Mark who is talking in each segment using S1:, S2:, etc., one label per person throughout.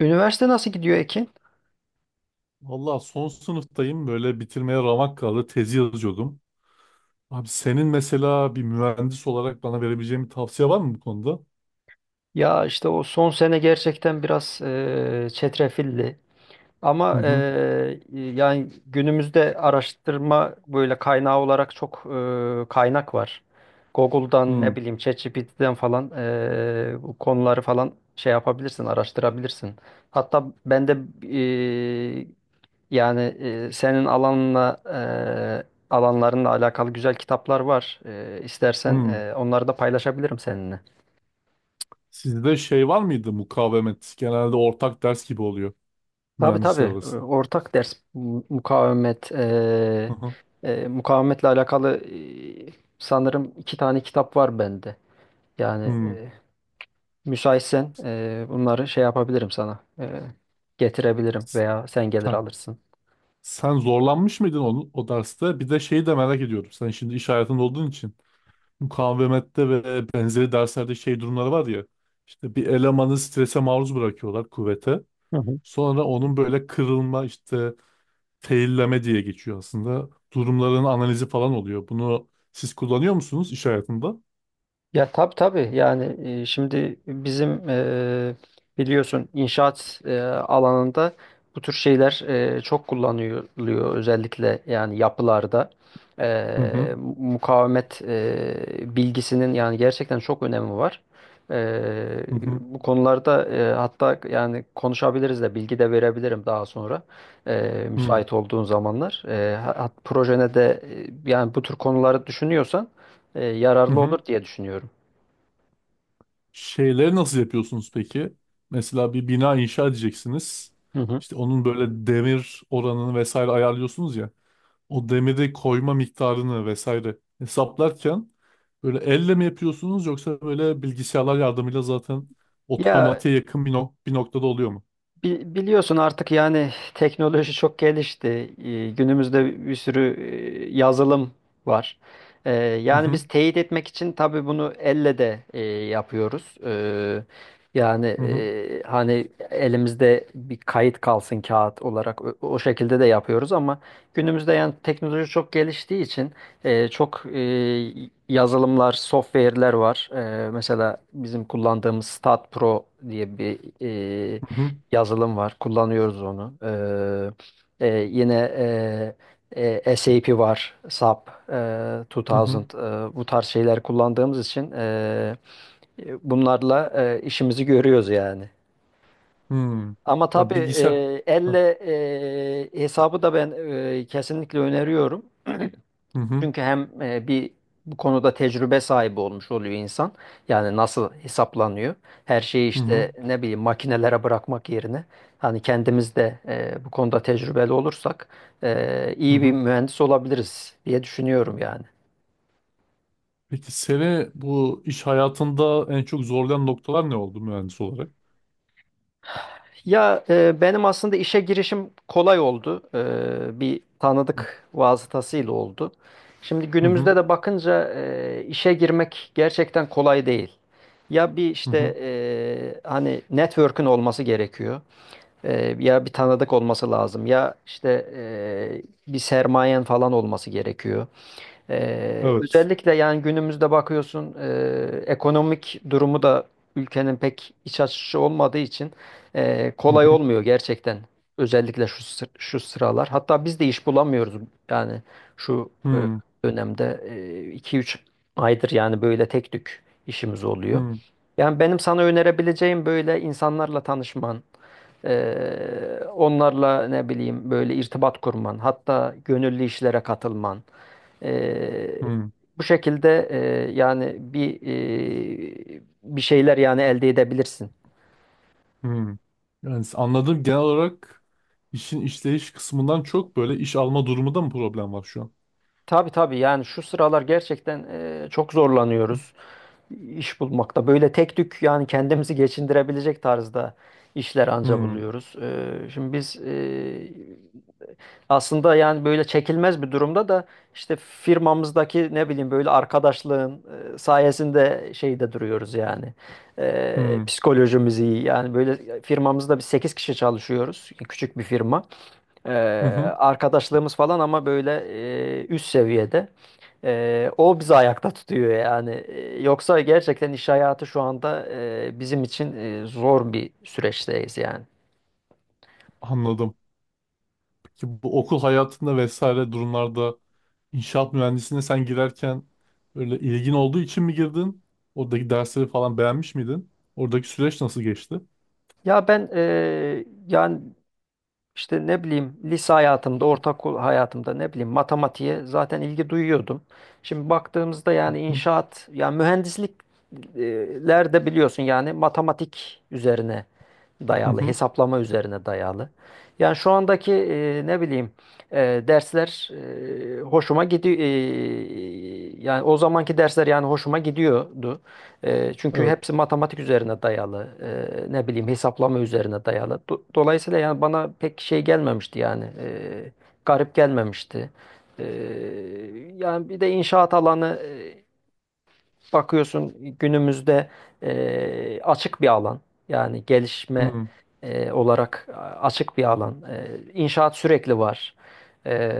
S1: Üniversite nasıl gidiyor, Ekin?
S2: Valla son sınıftayım böyle bitirmeye ramak kaldı tezi yazıyordum. Abi senin mesela bir mühendis olarak bana verebileceğin bir tavsiye var mı bu konuda?
S1: Ya işte o son sene gerçekten biraz çetrefilli.
S2: Hı
S1: Ama
S2: hı.
S1: yani günümüzde araştırma böyle kaynağı olarak çok kaynak var. Google'dan ne
S2: Hı
S1: bileyim ChatGPT'den falan bu konuları falan şey yapabilirsin, araştırabilirsin. Hatta ben de eee, yani senin alanla alanlarınla alakalı güzel kitaplar var. İstersen
S2: hı.
S1: onları da paylaşabilirim seninle.
S2: Sizde şey var mıydı mukavemet? Genelde ortak ders gibi oluyor
S1: Tabii
S2: mühendisler
S1: tabii.
S2: arasında.
S1: Ortak ders mukavemet
S2: Hı hı.
S1: mukavemetle alakalı e, sanırım iki tane kitap var bende. Yani
S2: Hı.
S1: müsaitsen bunları şey yapabilirim sana. Getirebilirim veya sen gelir
S2: Sen,
S1: alırsın.
S2: sen zorlanmış mıydın onu, o derste? Bir de şeyi de merak ediyorum. Sen şimdi iş hayatında olduğun için mukavemette ve benzeri derslerde şey durumları var ya. İşte bir elemanı strese maruz bırakıyorlar kuvvete. Sonra onun böyle kırılma işte failleme diye geçiyor aslında. Durumların analizi falan oluyor. Bunu siz kullanıyor musunuz iş hayatında?
S1: Ya tabii tabii yani şimdi bizim biliyorsun inşaat alanında bu tür şeyler çok kullanılıyor özellikle yani yapılarda.
S2: Hı
S1: E,
S2: hı
S1: mukavemet bilgisinin yani gerçekten çok önemi var. E,
S2: hı hı
S1: bu konularda hatta yani konuşabiliriz de bilgi de verebilirim daha sonra
S2: hı
S1: müsait olduğun zamanlar. Projene de yani bu tür konuları düşünüyorsan
S2: hı.
S1: yararlı olur
S2: Hı.
S1: diye düşünüyorum.
S2: Şeyleri nasıl yapıyorsunuz peki? Mesela bir bina inşa edeceksiniz.
S1: Hı hı.
S2: İşte onun böyle demir oranını vesaire ayarlıyorsunuz ya. O demiri koyma miktarını vesaire hesaplarken böyle elle mi yapıyorsunuz yoksa böyle bilgisayarlar yardımıyla zaten
S1: Ya
S2: otomatiğe yakın bir noktada oluyor mu?
S1: Biliyorsun artık yani teknoloji çok gelişti. Günümüzde bir sürü yazılım var. Ee,
S2: Hı
S1: Yani
S2: hı.
S1: biz teyit etmek için tabii bunu elle de yapıyoruz. Yani
S2: Hı hı.
S1: hani elimizde bir kayıt kalsın kağıt olarak o şekilde de yapıyoruz ama günümüzde yani teknoloji çok geliştiği için çok yazılımlar, software'ler var. Mesela bizim kullandığımız StatPro diye bir
S2: Hı hı
S1: yazılım var. Kullanıyoruz onu. Yine e, SAP var, SAP,
S2: hı
S1: 2000,
S2: hı.
S1: bu tarz şeyler kullandığımız için bunlarla işimizi görüyoruz yani.
S2: Hı.
S1: Ama
S2: Ya
S1: tabii
S2: bilgisayar. Hı
S1: elle hesabı da ben kesinlikle öneriyorum.
S2: hı
S1: Çünkü hem bir bu konuda tecrübe sahibi olmuş oluyor insan. Yani nasıl hesaplanıyor. Her şeyi
S2: hı hı.
S1: işte ne bileyim makinelere bırakmak yerine hani kendimiz de bu konuda tecrübeli olursak
S2: Hı
S1: iyi bir
S2: hı.
S1: mühendis olabiliriz diye düşünüyorum yani.
S2: Peki seni bu iş hayatında en çok zorlayan noktalar ne oldu mühendis olarak?
S1: Ya benim aslında işe girişim kolay oldu. Bir
S2: Hı
S1: tanıdık vasıtasıyla oldu. Şimdi günümüzde
S2: hı
S1: de bakınca işe girmek gerçekten kolay değil. Ya bir
S2: hı hı.
S1: işte hani network'ün olması gerekiyor. Ya bir tanıdık olması lazım. Ya işte bir sermayen falan olması gerekiyor.
S2: Evet.
S1: Özellikle yani günümüzde bakıyorsun ekonomik durumu da ülkenin pek iç açıcı olmadığı için
S2: Hı
S1: kolay
S2: hı
S1: olmuyor gerçekten. Özellikle şu sıralar. Hatta biz de iş bulamıyoruz yani şu
S2: hı
S1: dönemde iki üç aydır yani böyle tek tük işimiz oluyor.
S2: hı
S1: Yani benim sana önerebileceğim böyle insanlarla tanışman, e, onlarla ne bileyim böyle irtibat kurman, hatta gönüllü işlere katılman. Eee,
S2: hı.
S1: bu şekilde yani bir şeyler yani elde edebilirsin.
S2: Hı. Yani anladığım genel olarak işin işleyiş kısmından çok böyle iş alma durumunda mı problem var şu an?
S1: Tabii tabii yani şu sıralar gerçekten çok zorlanıyoruz iş bulmakta. Böyle tek tük yani kendimizi geçindirebilecek tarzda işler anca
S2: Hı
S1: buluyoruz. Şimdi biz aslında yani böyle çekilmez bir durumda da işte firmamızdaki ne bileyim böyle arkadaşlığın sayesinde şeyde duruyoruz yani. E,
S2: hı
S1: psikolojimiz iyi. Yani böyle firmamızda biz 8 kişi çalışıyoruz. Yani küçük bir firma. E,
S2: hı hı.
S1: arkadaşlığımız falan ama böyle üst seviyede. O bizi ayakta tutuyor yani. Yoksa gerçekten iş hayatı şu anda bizim için zor bir süreçteyiz yani.
S2: Anladım. Ki bu okul hayatında vesaire durumlarda inşaat mühendisliğine sen girerken böyle ilgin olduğu için mi girdin? Oradaki dersleri falan beğenmiş miydin? Oradaki süreç nasıl geçti?
S1: Ya ben yani İşte ne bileyim lise hayatımda, ortaokul hayatımda ne bileyim matematiğe zaten ilgi duyuyordum. Şimdi baktığımızda yani
S2: Hı
S1: inşaat, yani mühendislikler de biliyorsun yani matematik üzerine
S2: hı.
S1: dayalı,
S2: Hı.
S1: hesaplama üzerine dayalı. Yani şu andaki ne bileyim e, dersler hoşuma gidiyor. Yani o zamanki dersler yani hoşuma gidiyordu. Çünkü
S2: Evet.
S1: hepsi matematik üzerine dayalı, ne bileyim hesaplama üzerine dayalı. Dolayısıyla yani bana pek şey gelmemişti yani, garip gelmemişti. E, yani bir de inşaat alanı bakıyorsun günümüzde açık bir alan. Yani gelişme
S2: Hı.
S1: olarak açık bir alan. E, inşaat sürekli var. E,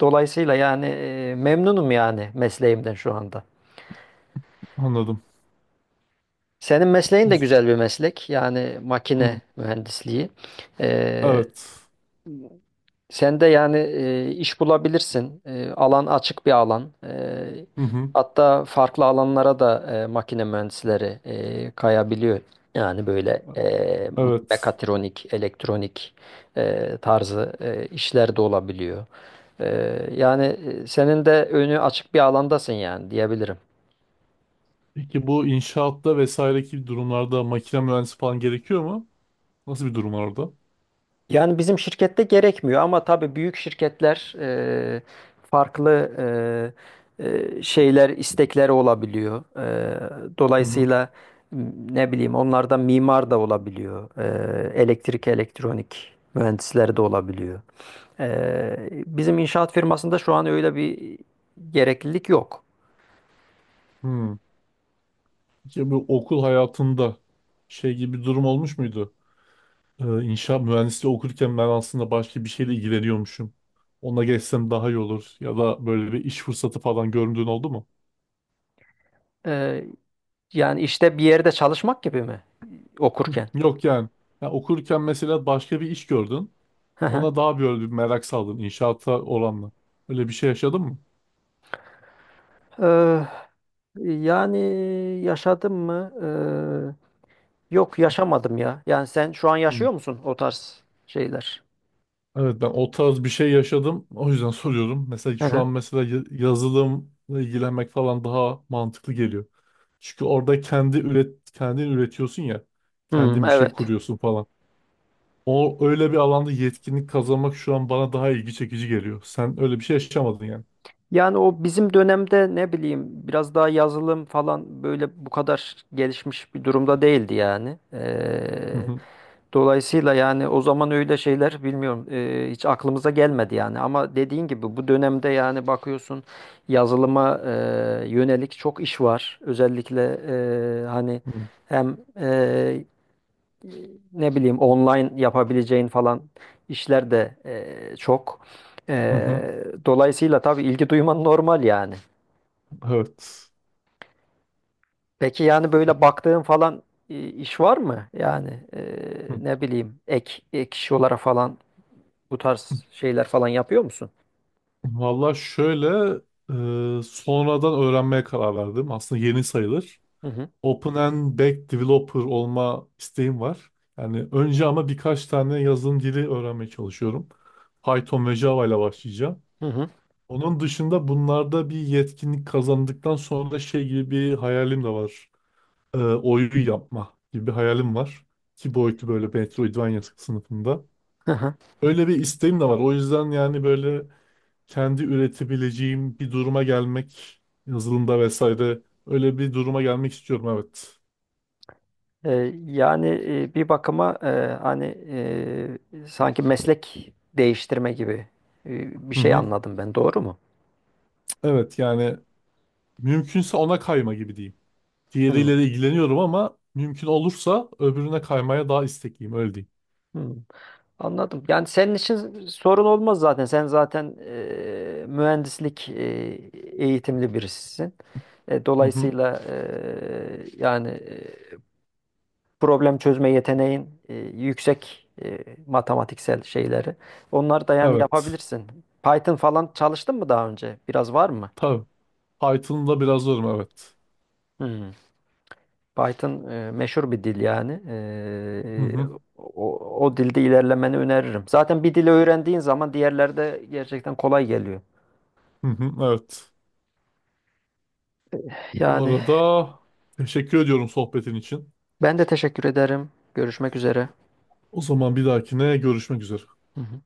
S1: dolayısıyla yani memnunum yani mesleğimden şu anda.
S2: Anladım.
S1: Senin mesleğin de
S2: Uz-
S1: güzel bir meslek. Yani
S2: hı.
S1: makine mühendisliği. Ee,
S2: Evet.
S1: sen de yani iş bulabilirsin. Alan açık bir alan. Ee,
S2: Hı hı.
S1: hatta farklı alanlara da makine mühendisleri kayabiliyor. Yani böyle
S2: Evet.
S1: mekatronik, elektronik tarzı işler de olabiliyor. Yani senin de önü açık bir alandasın yani diyebilirim.
S2: Peki bu inşaatta vesaireki durumlarda makine mühendisi falan gerekiyor mu? Nasıl bir durum var orada?
S1: Yani bizim şirkette gerekmiyor ama tabii büyük şirketler farklı e, şeyler, istekleri olabiliyor. E,
S2: Hı hı.
S1: dolayısıyla m- ne bileyim onlardan mimar da olabiliyor. Elektrik, elektronik mühendisleri de olabiliyor. Bizim inşaat firmasında şu an öyle bir gereklilik yok.
S2: Hı. Peki bu okul hayatında şey gibi bir durum olmuş muydu? İnşaat mühendisliği okurken ben aslında başka bir şeyle ilgileniyormuşum. Ona geçsem daha iyi olur. Ya da böyle bir iş fırsatı falan göründüğün oldu mu?
S1: E, yani işte bir yerde çalışmak gibi mi
S2: Hı,
S1: okurken?
S2: yok yani. Ya okurken mesela başka bir iş gördün.
S1: Hı hı.
S2: Ona daha böyle bir merak saldın inşaata oranla. Öyle bir şey yaşadın mı?
S1: Eee, yani yaşadım mı? Yok yaşamadım ya. Yani sen şu an
S2: Hı.
S1: yaşıyor musun o tarz şeyler?
S2: Evet, ben o tarz bir şey yaşadım. O yüzden soruyorum. Mesela
S1: Hı
S2: şu
S1: hı.
S2: an mesela yazılımla ilgilenmek falan daha mantıklı geliyor. Çünkü orada kendin üretiyorsun ya.
S1: Hmm,
S2: Kendin bir şey
S1: evet.
S2: kuruyorsun falan. O öyle bir alanda yetkinlik kazanmak şu an bana daha ilgi çekici geliyor. Sen öyle bir şey yaşamadın yani.
S1: Yani o bizim dönemde ne bileyim biraz daha yazılım falan böyle bu kadar gelişmiş bir durumda değildi yani.
S2: Hı
S1: Ee,
S2: hı.
S1: dolayısıyla yani o zaman öyle şeyler bilmiyorum hiç aklımıza gelmedi yani. Ama dediğin gibi bu dönemde yani bakıyorsun yazılıma yönelik çok iş var. Özellikle hani
S2: Hı
S1: hem ne bileyim online yapabileceğin falan işler de çok.
S2: hı. Hı.
S1: Dolayısıyla tabii ilgi duyman normal yani.
S2: Evet.
S1: Peki yani böyle baktığın falan iş var mı? Yani
S2: Hı.
S1: ne bileyim ek iş olarak falan bu tarz şeyler falan yapıyor musun?
S2: Valla şöyle sonradan öğrenmeye karar verdim. Aslında yeni sayılır.
S1: Hı hı.
S2: Open and Back Developer olma isteğim var. Yani önce ama birkaç tane yazılım dili öğrenmeye çalışıyorum. Python ve Java ile başlayacağım.
S1: Hı hı.
S2: Onun dışında bunlarda bir yetkinlik kazandıktan sonra şey gibi bir hayalim de var. Oyun yapma gibi bir hayalim var. Ki boyutu böyle Metroidvania sınıfında.
S1: Hı hı.
S2: Öyle bir isteğim de var. O yüzden yani böyle kendi üretebileceğim bir duruma gelmek, yazılımda vesaire öyle bir duruma gelmek istiyorum, evet.
S1: Ee, yani bir bakıma hani sanki meslek değiştirme gibi bir
S2: Hı
S1: şey
S2: hı.
S1: anladım ben, doğru mu?
S2: Evet yani mümkünse ona kayma gibi diyeyim.
S1: Hı.
S2: Diğeriyle de ilgileniyorum ama mümkün olursa öbürüne kaymaya daha istekliyim, öyle diyeyim.
S1: Hı. Anladım. Yani senin için sorun olmaz zaten. Sen zaten mühendislik eğitimli birisisin. E,
S2: Hı hı.
S1: dolayısıyla yani problem çözme yeteneğin yüksek matematiksel şeyleri. Onları da yani
S2: Evet.
S1: yapabilirsin. Python falan çalıştın mı daha önce? Biraz var mı?
S2: Tabii. Python'da biraz zorum, evet.
S1: Hmm. Python meşhur bir dil yani.
S2: Hı hı.
S1: O, o dilde ilerlemeni öneririm. Zaten bir dili öğrendiğin zaman diğerleri de gerçekten kolay geliyor.
S2: Hı hı. Evet. Bu
S1: Yani
S2: arada teşekkür ediyorum sohbetin için.
S1: ben de teşekkür ederim. Görüşmek üzere.
S2: O zaman bir dahakine görüşmek üzere.
S1: Hı hı.